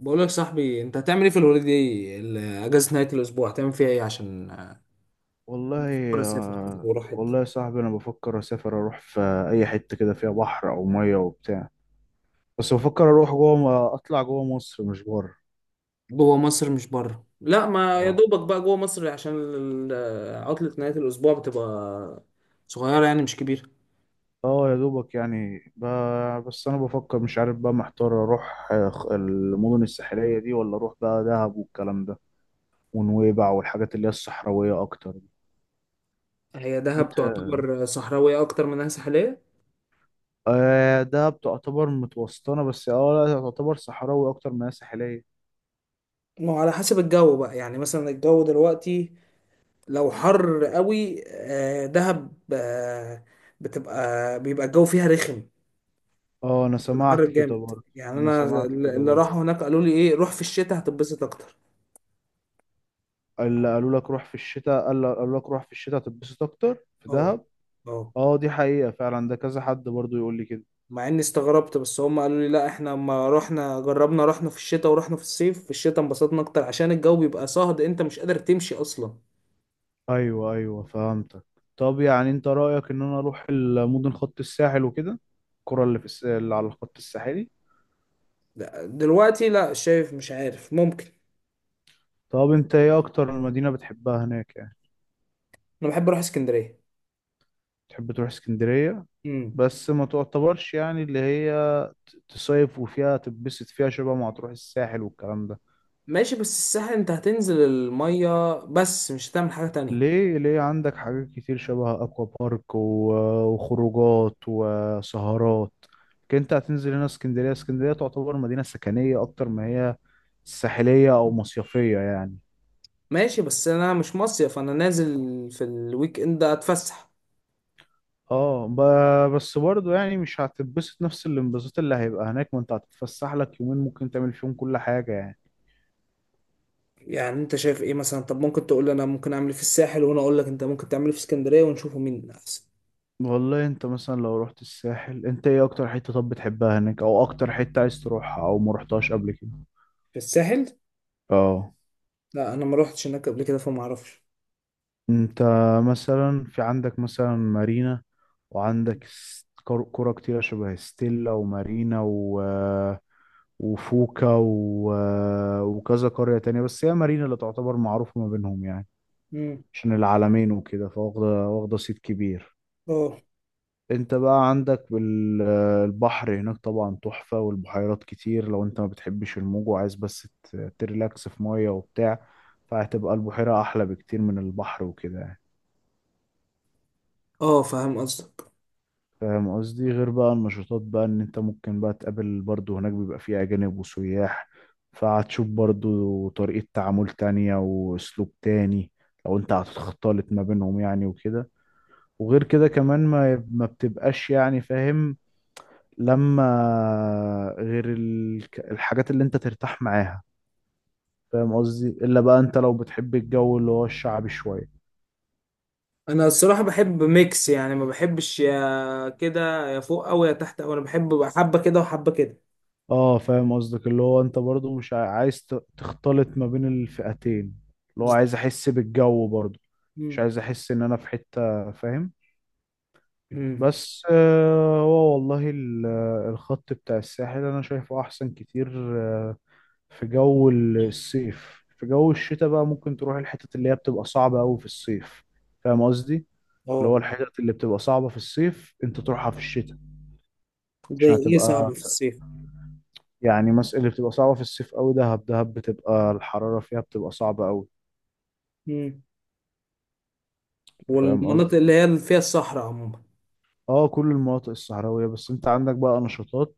بقول لك صاحبي، انت هتعمل ايه في الهوليداي اجازه نهايه الاسبوع؟ هتعمل فيها ايه؟ عشان والله بكره اسافر كده آه، واروح حته والله يا صاحبي انا بفكر اسافر اروح في اي حته كده فيها بحر او ميه وبتاع. بس بفكر اروح جوه، اطلع جوه مصر مش بره. جوه مصر مش بره. لا، ما يا اه، دوبك بقى جوه مصر عشان عطله نهايه الاسبوع بتبقى صغيره، يعني مش كبيره. اه يا دوبك يعني بس انا بفكر، مش عارف بقى، محتار اروح المدن الساحليه دي، ولا اروح بقى دهب والكلام ده ونويبع والحاجات اللي هي الصحراويه اكتر دي. هي دهب انت، تعتبر صحراويه اكتر منها ساحليه. آه دهب تعتبر متوسطنه، بس اه لا تعتبر صحراوي اكتر ما هي ساحليه. ما هو على حسب الجو بقى، يعني مثلا الجو دلوقتي لو حر قوي، دهب بيبقى الجو فيها رخم. اه انا الحر سمعت كده جامد، برضه. يعني انا انا سمعت كده اللي برضه. راحوا هناك قالوا لي ايه، روح في الشتاء هتتبسط اكتر. اللي قالوا لك روح في الشتاء، قالوا لك روح في الشتاء تتبسط اكتر في اه. دهب. اه. اه دي حقيقة فعلا، ده كذا حد برضو يقول لي كده. مع اني استغربت، بس هم قالوا لي لا احنا لما رحنا جربنا، رحنا في الشتاء ورحنا في الصيف، في الشتاء انبسطنا اكتر عشان الجو بيبقى صهد، انت مش قادر تمشي اصلا. ايوه ايوه، فهمتك. طب يعني انت رأيك ان انا اروح المدن، خط الساحل وكده؟ القرى اللي في اللي على الخط الساحلي. لا، دلوقتي لا، شايف مش عارف، ممكن. طب انت ايه اكتر مدينة بتحبها هناك يعني؟ انا بحب اروح اسكندرية. تحب تروح اسكندرية؟ امم. بس ما تعتبرش يعني اللي هي تصيف وفيها تتبسط فيها، شبه ما هتروح الساحل والكلام ده. ماشي، بس الساحل انت هتنزل المية بس مش هتعمل حاجة تانية. ليه؟ ليه؟ عندك حاجات كتير شبه اكوا بارك وخروجات وسهرات. لكن انت هتنزل هنا اسكندريه، اسكندريه تعتبر مدينه سكنيه اكتر ما هي ساحليه او مصيفيه يعني. ماشي، بس انا مش مصيف، انا نازل في الويك اند اتفسح. اه، بس برضه يعني مش هتتبسط نفس الانبساط اللي هيبقى هناك، ما انت هتتفسح لك يومين ممكن تعمل فيهم كل حاجه يعني. يعني انت شايف ايه مثلا؟ طب ممكن تقول لي انا ممكن اعمل ايه في الساحل، وانا اقول لك انت ممكن تعمل ايه في اسكندريه، ونشوفه مين احسن. والله انت مثلا لو رحت الساحل، انت ايه اكتر حته طب بتحبها هناك، او اكتر حته عايز تروحها او ما رحتهاش قبل كده؟ في الساحل. اه. لا، انا ما روحتش هناك قبل كده فما اعرفش. انت مثلا في عندك مثلا مارينا، وعندك كرة كتيرة شبه ستيلا ومارينا وفوكا وكذا قرية تانية، بس هي مارينا اللي تعتبر معروفة ما بينهم يعني، امم. عشان العالمين وكده، واخدة صيت كبير. اه. انت بقى عندك البحر هناك طبعا تحفة، والبحيرات كتير لو انت ما بتحبش الموج وعايز بس تريلاكس في مية وبتاع، فهتبقى البحيرة أحلى بكتير من البحر وكده يعني. اه. فاهم قصدك. فاهم قصدي؟ غير بقى النشاطات بقى، ان انت ممكن بقى تقابل برضو هناك بيبقى فيه اجانب وسياح، فهتشوف برضو طريقة تعامل تانية واسلوب تاني لو انت هتختلط ما بينهم يعني وكده. وغير كده كمان ما بتبقاش يعني، فاهم؟ لما، غير الحاجات اللي انت ترتاح معاها. فاهم قصدي؟ الا بقى انت لو بتحب الجو اللي هو الشعبي شوية. انا الصراحه بحب ميكس، يعني ما بحبش يا كده يا فوق او يا تحت، او انا بحب بقى حبه كده وحبه كده. اه فاهم قصدك، اللي هو انت برضو مش عايز تختلط ما بين الفئتين، اللي هو بالظبط. عايز احس بالجو برضو، مش امم. عايز احس ان انا في حتة، فاهم؟ امم. بس آه، هو والله الخط بتاع الساحل انا شايفه احسن كتير، آه، في جو الصيف. في جو الشتاء بقى ممكن تروح الحتت اللي هي بتبقى صعبة قوي في الصيف، فاهم قصدي؟ اللي اه. هو الحتت اللي بتبقى صعبة في الصيف انت تروحها في الشتاء، زي عشان ايه صعب هتبقى في الصيف؟ يعني اللي بتبقى صعبة في الصيف قوي دهب، دهب بتبقى الحرارة فيها بتبقى صعبة قوي، امم. فاهم قصدي؟ والمناطق اللي هي اللي فيها الصحراء عموما. اه كل المناطق الصحراوية، بس انت عندك بقى نشاطات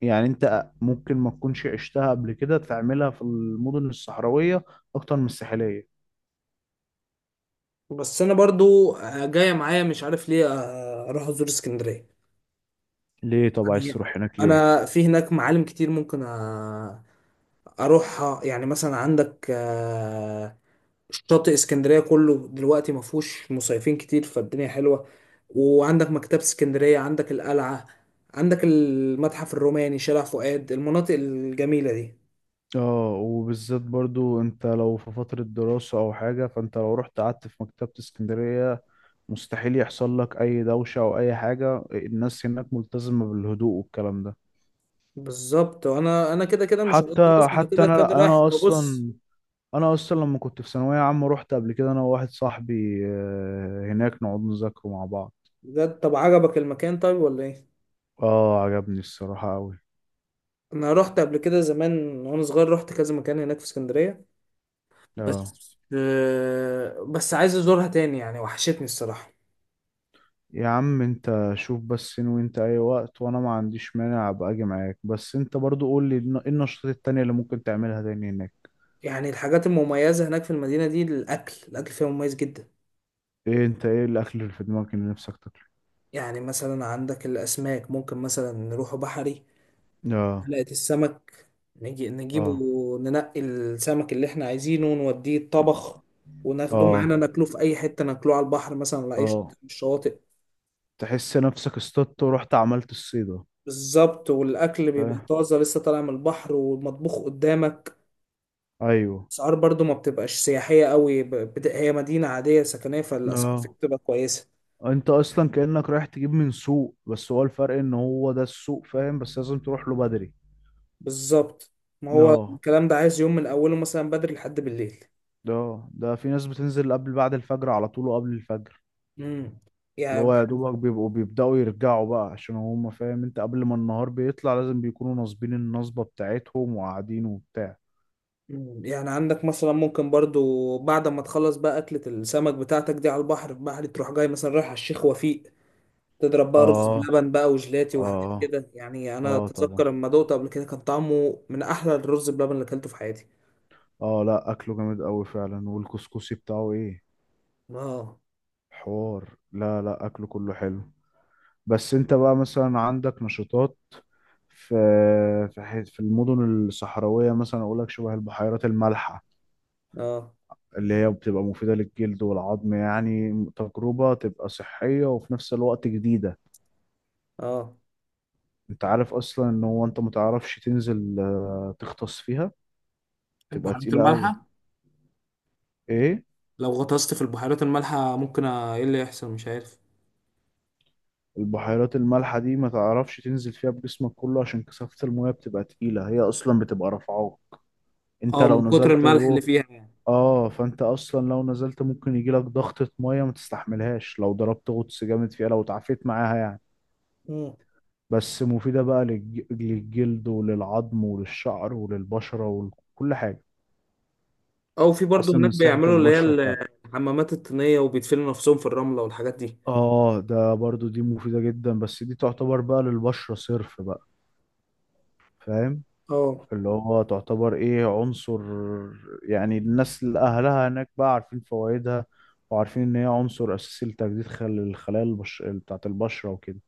يعني انت ممكن ما تكونش عشتها قبل كده تعملها في المدن الصحراوية اكتر من الساحلية. بس انا برضو جايه معايا مش عارف ليه، اروح ازور اسكندريه. ليه؟ طب عايز يعني تروح هناك ليه؟ انا في هناك معالم كتير ممكن اروحها، يعني مثلا عندك شاطئ اسكندريه كله دلوقتي ما فيهوش مصيفين كتير فالدنيا حلوه، وعندك مكتبه اسكندريه، عندك القلعه، عندك المتحف الروماني، شارع فؤاد، المناطق الجميله دي. اه وبالذات برضو انت لو في فترة دراسة او حاجة، فانت لو رحت قعدت في مكتبة اسكندرية، مستحيل يحصل لك اي دوشة او اي حاجة، الناس هناك ملتزمة بالهدوء والكلام ده. بالظبط. وانا كده كده مش هقعد حتى دراسه، انا حتى كده كده انا رايح انا ببص. اصلا، انا اصلا لما كنت في ثانويه عامه رحت قبل كده انا وواحد صاحبي آه، هناك نقعد نذاكره مع بعض. ده طب عجبك المكان طيب ولا ايه؟ اه عجبني الصراحه قوي. انا رحت قبل كده زمان وانا صغير، رحت كذا مكان هناك في اسكندريه، اه، بس عايز ازورها تاني يعني، وحشتني الصراحة. يا عم انت شوف بس، ان وانت اي وقت وانا ما عنديش مانع ابقى اجي معاك، بس انت برضو قول لي ايه النشاطات التانية اللي ممكن تعملها تاني هناك؟ يعني الحاجات المميزة هناك في المدينة دي، الأكل فيها مميز جدا. ايه؟ انت ايه الاكل اللي في دماغك اللي نفسك تاكله؟ يعني مثلا عندك الأسماك، ممكن مثلا نروح بحري، اه. حلقة السمك، نجيبه، اه. ننقي السمك اللي احنا عايزينه ونوديه الطبخ، وناخده اه. معانا ناكله في أي حتة، ناكله على البحر مثلا ولا أي شط اه، من الشواطئ. تحس نفسك اصطدت ورحت عملت الصيدة. بالظبط. والأكل بيبقى فاهم. طازة لسه طالع من البحر ومطبوخ قدامك. ايوه. اسعار برضو ما بتبقاش سياحية قوي، هي مدينة عادية سكنية، فالاسعار فيها اه، بتبقى كويسة. انت اصلا كأنك رايح تجيب من سوق، بس هو الفرق ان هو ده السوق، فاهم؟ بس لازم تروح له بدري. بالظبط. ما هو اه، الكلام ده عايز يوم من اوله مثلا بدري لحد بالليل. ده ده في ناس بتنزل قبل، بعد الفجر على طول وقبل الفجر. امم. اللي يعني هو يا دوبك بيبقوا بيبدأوا يرجعوا بقى، عشان هم، فاهم انت، قبل ما النهار بيطلع لازم بيكونوا ناصبين النصبة بتاعتهم وقاعدين وبتاع. يعني عندك مثلا ممكن برضو بعد ما تخلص بقى أكلة السمك بتاعتك دي على البحر، تروح جاي مثلا رايح على الشيخ وفيق، تضرب بقى رز اه. بلبن بقى وجلاتي وحاجات اه. كده يعني. أنا اه طبعا. أتذكر لما دوقته قبل كده كان طعمه من أحلى الرز بلبن اللي أكلته في حياتي. اه لا اكله جامد قوي فعلا، والكسكسي بتاعه ايه، اه. حوار، لا لا اكله كله حلو. بس انت بقى مثلا عندك نشاطات في، في المدن الصحراوية مثلا اقول لك شبه البحيرات المالحة، اه. اللي هي بتبقى مفيدة للجلد والعظم، يعني تجربة تبقى صحية وفي نفس الوقت جديدة. اه. انت عارف اصلا ان هو انت متعرفش تنزل آه، تغطس فيها، تبقى البهارات تقيلة قوي. المالحة. ايه؟ لو غطست في البحيرات المالحة ممكن ايه اللي يحصل مش عارف؟ البحيرات المالحة دي ما تعرفش تنزل فيها بجسمك كله عشان كثافة المياه بتبقى تقيلة، هي اصلا بتبقى رافعاك انت اه، لو من كتر نزلت الملح اللي جوه. فيها يعني. اه، فانت اصلا لو نزلت ممكن يجي لك ضغطة مية ما تستحملهاش لو ضربت غطس جامد فيها، لو اتعافيت معاها يعني. مم. بس مفيدة بقى للجلد وللعظم وللشعر وللبشرة وكل حاجة، او في برضه تحسن من هناك صحة بيعملوا اللي هي البشرة بتاعتك. الحمامات الطينية وبيدفنوا نفسهم في الرملة والحاجات دي. اه، ده برضو دي مفيدة جدا، بس دي تعتبر بقى للبشرة صرف بقى، فاهم؟ اه. اللي هو تعتبر ايه، عنصر يعني، الناس اللي اهلها هناك بقى عارفين فوائدها، وعارفين ان هي عنصر اساسي لتجديد الخلايا بتاعت البشرة وكده.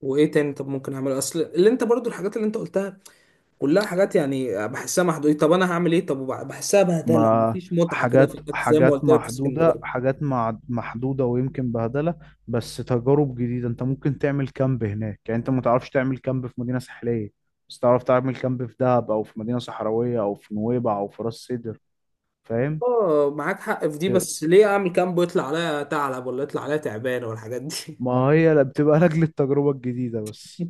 وايه تاني طب ممكن اعمله؟ اصل اللي انت برضو الحاجات اللي انت قلتها كلها حاجات، يعني بحسها محدودة. طب انا هعمل ايه؟ طب بحسها بهدلة ما مفيش متعة كده حاجات، في النفس زي ما حاجات قلت لك في محدودة، اسكندرية. حاجات محدودة ويمكن بهدلة، بس تجارب جديدة. انت ممكن تعمل كامب هناك، يعني انت ما تعرفش تعمل كامب في مدينة ساحلية، بس تعرف تعمل كامب في دهب او في مدينة صحراوية او في نويبع او في راس سدر، فاهم؟ اه، معاك حق في دي، ت- بس ليه اعمل كامب ويطلع عليا ثعلب ولا يطلع عليا تعبان ولا الحاجات ما هي لا بتبقى لاجل التجربة الجديدة دي؟ بس،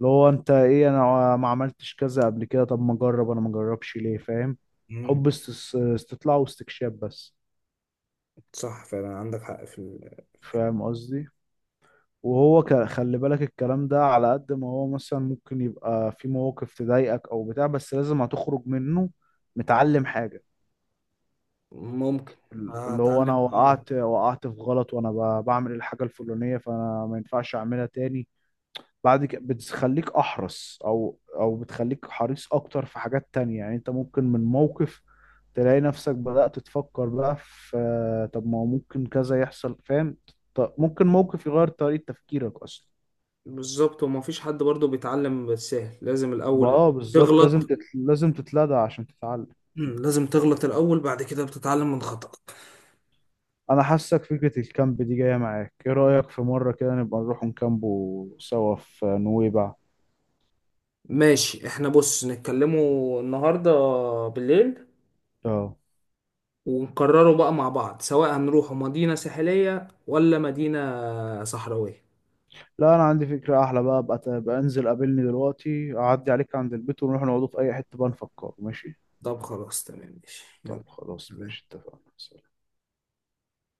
اللي هو انت ايه، انا ما عملتش كذا قبل كده، طب ما اجرب، انا ما اجربش ليه، فاهم؟ حب استطلاع واستكشاف بس. صح، فعلا عندك حق في في الحتة فاهم دي. قصدي؟ وهو خلي بالك الكلام ده على قد ما هو مثلا ممكن يبقى في مواقف تضايقك او بتاع، بس لازم هتخرج منه متعلم حاجة. ممكن. اللي هو انا هتعلم، اه. وقعت في غلط وانا بعمل الحاجة الفلانية، فانا ما ينفعش اعملها تاني بعد كده، بتخليك احرص او بتخليك حريص اكتر في حاجات تانية، يعني انت ممكن من موقف تلاقي نفسك بدأت تفكر بقى في، طب ما هو ممكن كذا يحصل، فاهم؟ ممكن موقف يغير طريقة تفكيرك اصلا. بالظبط. وما فيش حد برضو بيتعلم بالسهل، لازم الأول اه بالظبط، لازم تغلط. لازم تتلدع عشان تتعلم. لازم تغلط الأول، بعد كده بتتعلم من خطأك. انا حاسك فكرة الكامب دي جاية معاك، ايه رأيك في مرة كده نبقى نروح نكامبو سوا في نويبع؟ ماشي، احنا بص نتكلموا النهاردة بالليل، اه ونقرروا بقى مع بعض سواء هنروحوا مدينة ساحلية ولا مدينة صحراوية. لا انا عندي فكرة احلى بقى، بقى، انزل قابلني دلوقتي، اعدي عليك عند البيت ونروح نقعدوا في اي حتة بقى نفكر، ماشي؟ طب خلاص، تمام، ماشي، طب خلاص ماشي، يلا. اتفقنا.